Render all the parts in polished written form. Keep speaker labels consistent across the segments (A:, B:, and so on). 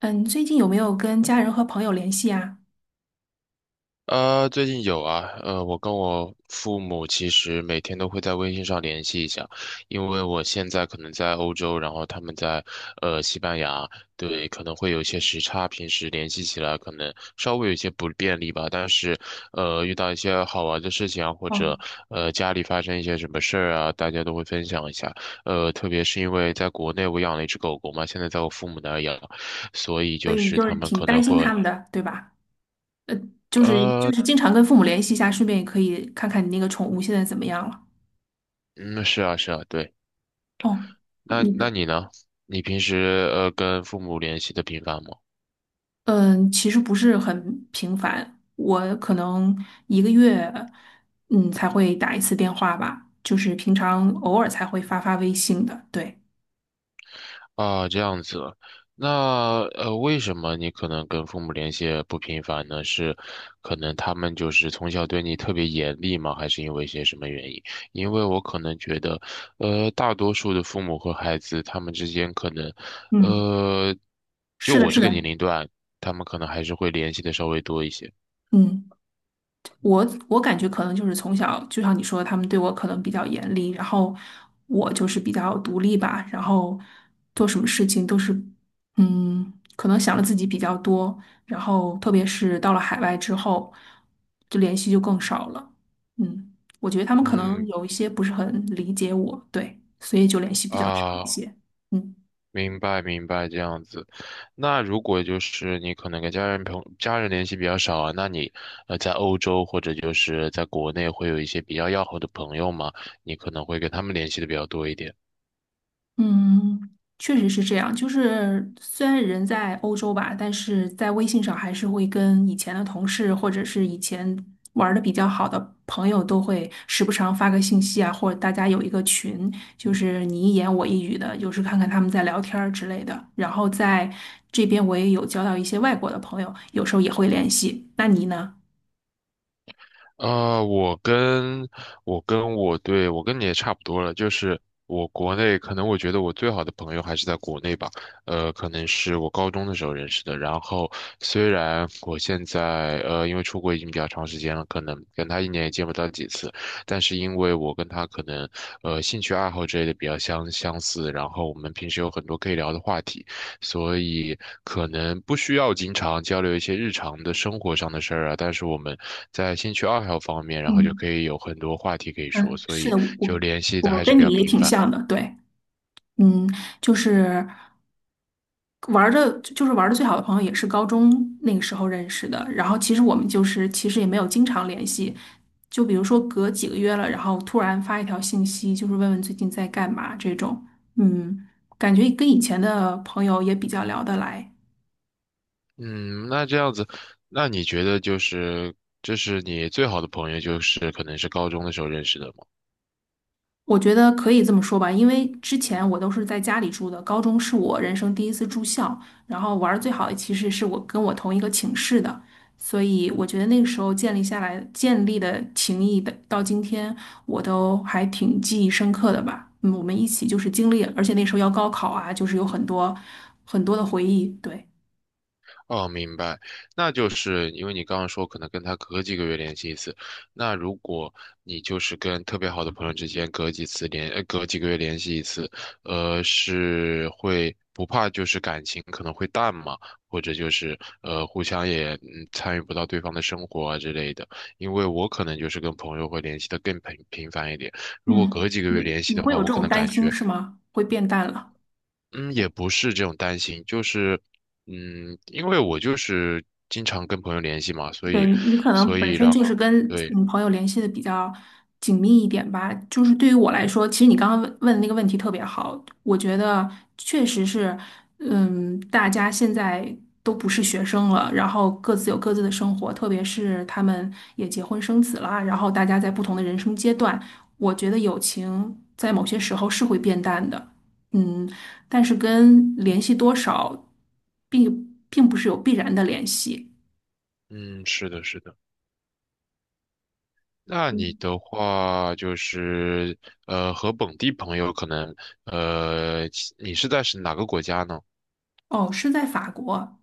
A: 嗯，最近有没有跟家人和朋友联系啊？
B: 最近有啊，我跟我父母其实每天都会在微信上联系一下，因为我现在可能在欧洲，然后他们在西班牙，对，可能会有一些时差，平时联系起来可能稍微有一些不便利吧，但是遇到一些好玩的事情啊，或者
A: 哦，
B: 家里发生一些什么事儿啊，大家都会分享一下。特别是因为在国内我养了一只狗狗嘛，现在在我父母那儿养，所以就是他们
A: 挺
B: 可能
A: 担心
B: 会
A: 他们的，对吧？就是就
B: 呃。
A: 是经常跟父母联系一下，顺便也可以看看你那个宠物现在怎么样了。
B: 嗯，是啊，是啊，对。
A: 哦，
B: 那
A: 那
B: 那
A: 个，
B: 你呢？你平时跟父母联系的频繁吗？
A: 嗯，其实不是很频繁，我可能一个月才会打一次电话吧，就是平常偶尔才会发发微信的。对，
B: 啊，这样子。那为什么你可能跟父母联系不频繁呢？是可能他们就是从小对你特别严厉吗？还是因为一些什么原因？因为我可能觉得，大多数的父母和孩子他们之间可能，
A: 嗯，
B: 呃，就
A: 是的，
B: 我
A: 是
B: 这个年
A: 的，
B: 龄段，他们可能还是会联系的稍微多一些。
A: 嗯。我感觉可能就是从小，就像你说的，他们对我可能比较严厉，然后我就是比较独立吧，然后做什么事情都是，嗯，可能想的自己比较多，然后特别是到了海外之后，就联系就更少了。嗯，我觉得他们可能
B: 嗯
A: 有一些不是很理解我，对，所以就联系比较少一
B: 啊。
A: 些。嗯。
B: 明白明白，这样子。那如果就是你可能跟家人朋家人联系比较少啊，那你在欧洲或者就是在国内会有一些比较要好的朋友嘛，你可能会跟他们联系的比较多一点。
A: 嗯，确实是这样。就是虽然人在欧洲吧，但是在微信上还是会跟以前的同事或者是以前玩的比较好的朋友都会时不常发个信息啊，或者大家有一个群，就是你一言我一语的，有时看看他们在聊天儿之类的。然后在这边我也有交到一些外国的朋友，有时候也会联系。那你呢？
B: 我跟我跟你也差不多了，就是我国内可能我觉得我最好的朋友还是在国内吧。可能是我高中的时候认识的。然后虽然我现在因为出国已经比较长时间了，可能跟他一年也见不到几次，但是因为我跟他可能兴趣爱好之类的比较相似，然后我们平时有很多可以聊的话题。所以可能不需要经常交流一些日常的生活上的事儿啊，但是我们在兴趣爱好方面，然后就
A: 嗯
B: 可以有很多话题可以说，
A: 嗯，
B: 所
A: 是
B: 以
A: 的，
B: 就
A: 我
B: 联系的
A: 我
B: 还是
A: 跟
B: 比
A: 你
B: 较
A: 也
B: 频
A: 挺
B: 繁。
A: 像的，对。嗯，就是。玩的，就是玩的最好的朋友也是高中那个时候认识的。然后其实我们就是其实也没有经常联系，就比如说隔几个月了，然后突然发一条信息，就是问问最近在干嘛这种。嗯，感觉跟以前的朋友也比较聊得来。
B: 嗯，那这样子，那你觉得就是这是你最好的朋友，就是可能是高中的时候认识的吗？
A: 我觉得可以这么说吧，因为之前我都是在家里住的，高中是我人生第一次住校，然后玩儿最好的其实是我跟我同一个寝室的，所以我觉得那个时候建立的情谊的，到今天我都还挺记忆深刻的吧。嗯，我们一起就是经历，而且那时候要高考啊，就是有很多很多的回忆。对，
B: 哦，明白，那就是因为你刚刚说可能跟他隔几个月联系一次，那如果你就是跟特别好的朋友之间隔几个月联系一次，是会不怕就是感情可能会淡嘛，或者就是互相也参与不到对方的生活啊之类的，因为我可能就是跟朋友会联系的更频繁一点，如果隔
A: 嗯，
B: 几个月
A: 你
B: 联系
A: 你
B: 的
A: 会有
B: 话，我
A: 这
B: 可
A: 种
B: 能
A: 担
B: 感
A: 心
B: 觉
A: 是吗？会变淡了。
B: 嗯，也不是这种担心，就是，嗯，因为我就是经常跟朋友联系嘛，所以，
A: 对，你可能
B: 所
A: 本
B: 以
A: 身
B: 然后，
A: 就是跟
B: 对。
A: 嗯朋友联系的比较紧密一点吧。就是对于我来说，其实你刚刚问的那个问题特别好，我觉得确实是，嗯，大家现在都不是学生了，然后各自有各自的生活，特别是他们也结婚生子了，然后大家在不同的人生阶段，我觉得友情在某些时候是会变淡的，嗯，但是跟联系多少并不是有必然的联系。
B: 嗯，是的，是的。那你的话就是，和本地朋友可能，呃，你是在是哪个国家呢？
A: 哦，是在法国，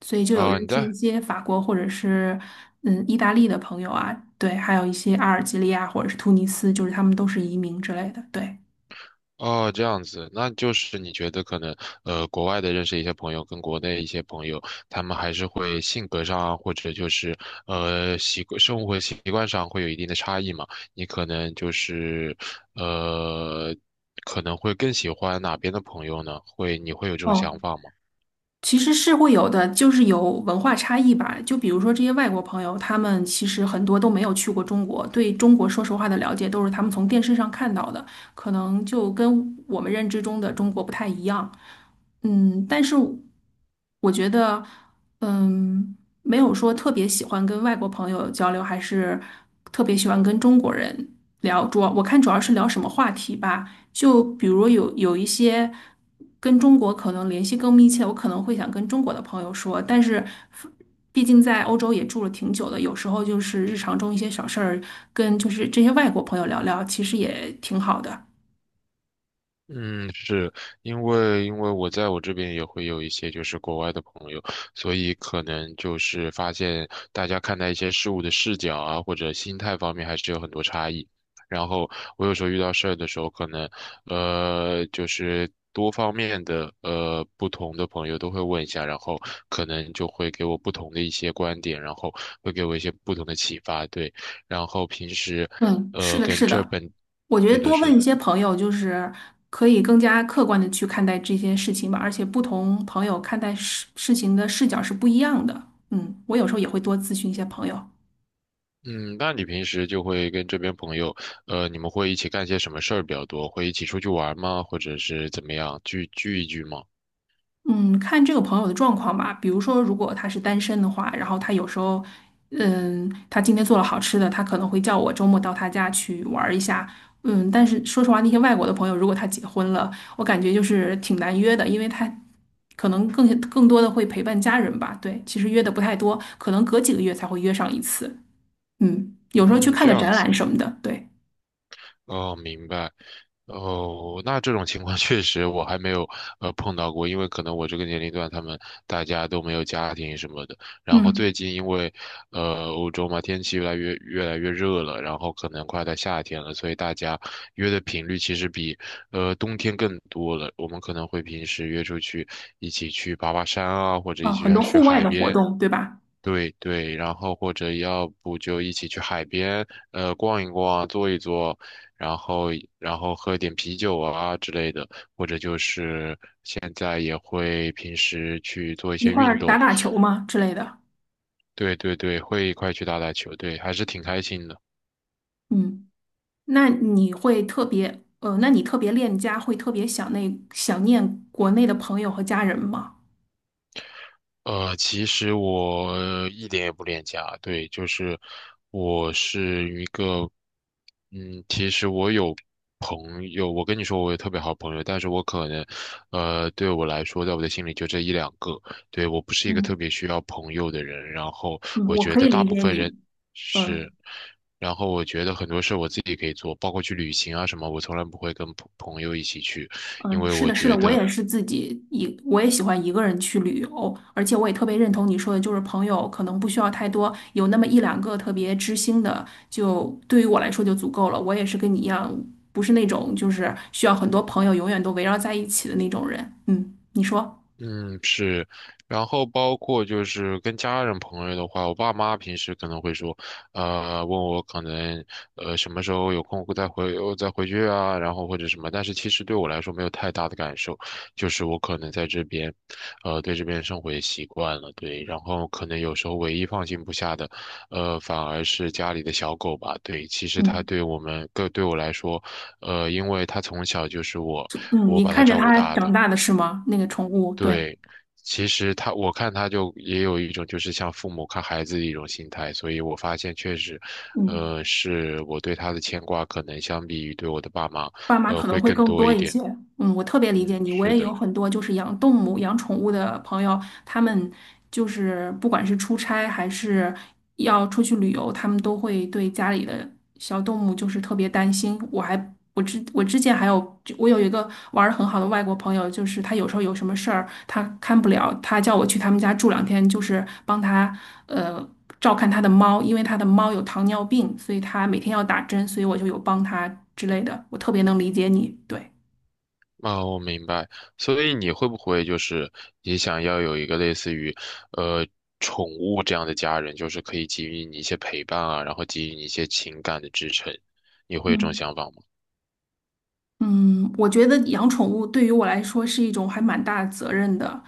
A: 所以就有
B: 啊、你
A: 认识一
B: 在
A: 些法国或者是嗯意大利的朋友啊，对，还有一些阿尔及利亚或者是突尼斯，就是他们都是移民之类的，对。
B: 哦，这样子，那就是你觉得可能，国外的认识一些朋友，跟国内一些朋友，他们还是会性格上啊，或者就是习惯生活习惯上会有一定的差异嘛？你可能就是呃，可能会更喜欢哪边的朋友呢？会，你会有这种想
A: 哦，
B: 法吗？
A: 其实是会有的，就是有文化差异吧。就比如说这些外国朋友，他们其实很多都没有去过中国，对中国说实话的了解都是他们从电视上看到的，可能就跟我们认知中的中国不太一样。嗯，但是我觉得，嗯，没有说特别喜欢跟外国朋友交流，还是特别喜欢跟中国人。聊主要我看主要是聊什么话题吧，就比如有一些跟中国可能联系更密切，我可能会想跟中国的朋友说，但是毕竟在欧洲也住了挺久的，有时候就是日常中一些小事儿，跟就是这些外国朋友聊聊，其实也挺好的。
B: 嗯，是因为因为我在我这边也会有一些就是国外的朋友，所以可能就是发现大家看待一些事物的视角啊，或者心态方面还是有很多差异。然后我有时候遇到事儿的时候，可能就是多方面的不同的朋友都会问一下，然后可能就会给我不同的一些观点，然后会给我一些不同的启发，对。然后平时
A: 嗯，是
B: 呃
A: 的，
B: 跟
A: 是
B: 这
A: 的，
B: 本
A: 我觉
B: 是
A: 得
B: 的
A: 多
B: 是
A: 问一
B: 的。
A: 些朋友，就是可以更加客观的去看待这些事情吧，而且不同朋友看待事情的视角是不一样的。嗯，我有时候也会多咨询一些朋友。
B: 嗯，那你平时就会跟这边朋友，你们会一起干些什么事儿比较多？会一起出去玩吗？或者是怎么样，聚一聚吗？
A: 嗯，看这个朋友的状况吧。比如说，如果他是单身的话，然后他有时候，嗯，他今天做了好吃的，他可能会叫我周末到他家去玩儿一下。嗯，但是说实话，那些外国的朋友，如果他结婚了，我感觉就是挺难约的，因为他可能更多的会陪伴家人吧。对，其实约的不太多，可能隔几个月才会约上一次。嗯，有时候去
B: 嗯，
A: 看
B: 这
A: 个
B: 样
A: 展览
B: 子。
A: 什么的。对，
B: 哦，明白。哦，那这种情况 确实我还没有碰到过，因为可能我这个年龄段他们大家都没有家庭什么的。然后最
A: 嗯，
B: 近因为欧洲嘛，天气越来越热了，然后可能快到夏天了，所以大家约的频率其实比冬天更多了。我们可能会平时约出去一起去爬爬山啊，或者一
A: 啊，
B: 起
A: 很
B: 去
A: 多
B: 去
A: 户外
B: 海
A: 的活
B: 边
A: 动，对吧？
B: 对对，然后或者要不就一起去海边，逛一逛，坐一坐，然后然后喝点啤酒啊之类的，或者就是现在也会平时去做一
A: 一
B: 些
A: 块
B: 运
A: 儿打
B: 动，
A: 打球嘛之类的。
B: 对对对，会一块去打打球，对，还是挺开心的。
A: 嗯。那你会特别，那你特别恋家，会特别想那想念国内的朋友和家人吗？
B: 其实我一点也不恋家，对，就是我是一个，嗯，其实我有朋友，我跟你说我有特别好朋友，但是我可能，对我来说，在我的心里就这一两个，对，我不是一个特
A: 嗯，
B: 别需要朋友的人，然后
A: 嗯，
B: 我
A: 我
B: 觉
A: 可
B: 得
A: 以
B: 大
A: 理
B: 部
A: 解
B: 分人
A: 你。嗯
B: 是，然后我觉得很多事我自己可以做，包括去旅行啊什么，我从来不会跟朋友一起去，因
A: 嗯，
B: 为
A: 是
B: 我
A: 的，是
B: 觉
A: 的，我
B: 得。
A: 也是自己一，我也喜欢一个人去旅游，而且我也特别认同你说的，就是朋友可能不需要太多，有那么一两个特别知心的，就对于我来说就足够了。我也是跟你一样，不是那种就是需要很多朋友永远都围绕在一起的那种人。嗯，你说。
B: 嗯，是，然后包括就是跟家人朋友的话，我爸妈平时可能会说，问我可能什么时候有空会再回去啊，然后或者什么，但是其实对我来说没有太大的感受，就是我可能在这边，对这边生活也习惯了，对，然后可能有时候唯一放心不下的，反而是家里的小狗吧，对，其实它
A: 嗯。
B: 对我们，对对我来说，因为它从小就是我
A: 嗯，
B: 我
A: 你
B: 把它
A: 看着
B: 照顾
A: 它
B: 大
A: 长
B: 的。
A: 大的是吗？那个宠物，对，
B: 对，其实他，我看他就也有一种就是像父母看孩子的一种心态，所以我发现确实，
A: 嗯，
B: 是我对他的牵挂可能相比于对我的爸妈，
A: 爸妈可能
B: 会
A: 会
B: 更
A: 更
B: 多
A: 多
B: 一
A: 一
B: 点。
A: 些。嗯，我特别理解
B: 嗯，
A: 你，我
B: 是
A: 也有
B: 的，
A: 很多就是养动物、养宠物的朋友，他们就是不管是出差还是要出去旅游，他们都会对家里的小动物就是特别担心。我之前还有我有一个玩的很好的外国朋友，就是他有时候有什么事儿他看不了，他叫我去他们家住两天，就是帮他呃。照看他的猫，因为他的猫有糖尿病，所以他每天要打针，所以我就有帮他之类的。我特别能理解你，对，
B: 啊，我明白。所以你会不会就是也想要有一个类似于，呃，宠物这样的家人，就是可以给予你一些陪伴啊，然后给予你一些情感的支撑，你会有这种想法吗？
A: 嗯，我觉得养宠物对于我来说是一种还蛮大的责任的，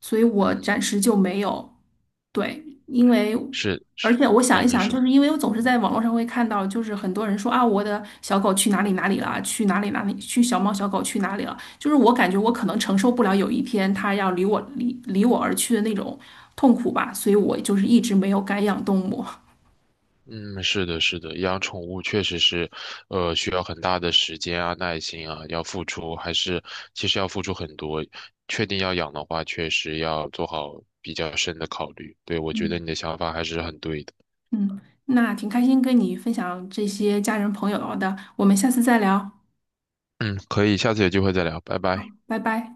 A: 所以我
B: 嗯，
A: 暂
B: 嗯
A: 时就没有。对，因为
B: 是
A: 而
B: 是，
A: 且我想一
B: 嗯，你
A: 想，就
B: 说。
A: 是因为我总是在网络上会看到，就是很多人说啊，我的小狗去哪里哪里了，去哪里哪里，去小猫小狗去哪里了，就是我感觉我可能承受不了有一天它要离我离离我而去的那种痛苦吧，所以我就是一直没有敢养动物。
B: 嗯，是的，是的，养宠物确实是，需要很大的时间啊、耐心啊，要付出，还是其实要付出很多。确定要养的话，确实要做好比较深的考虑。对，我觉得
A: 嗯
B: 你的想法还是很对的。
A: 嗯，那挺开心跟你分享这些家人朋友的，我们下次再聊，
B: 嗯，可以，下次有机会再聊，拜拜。
A: 拜拜。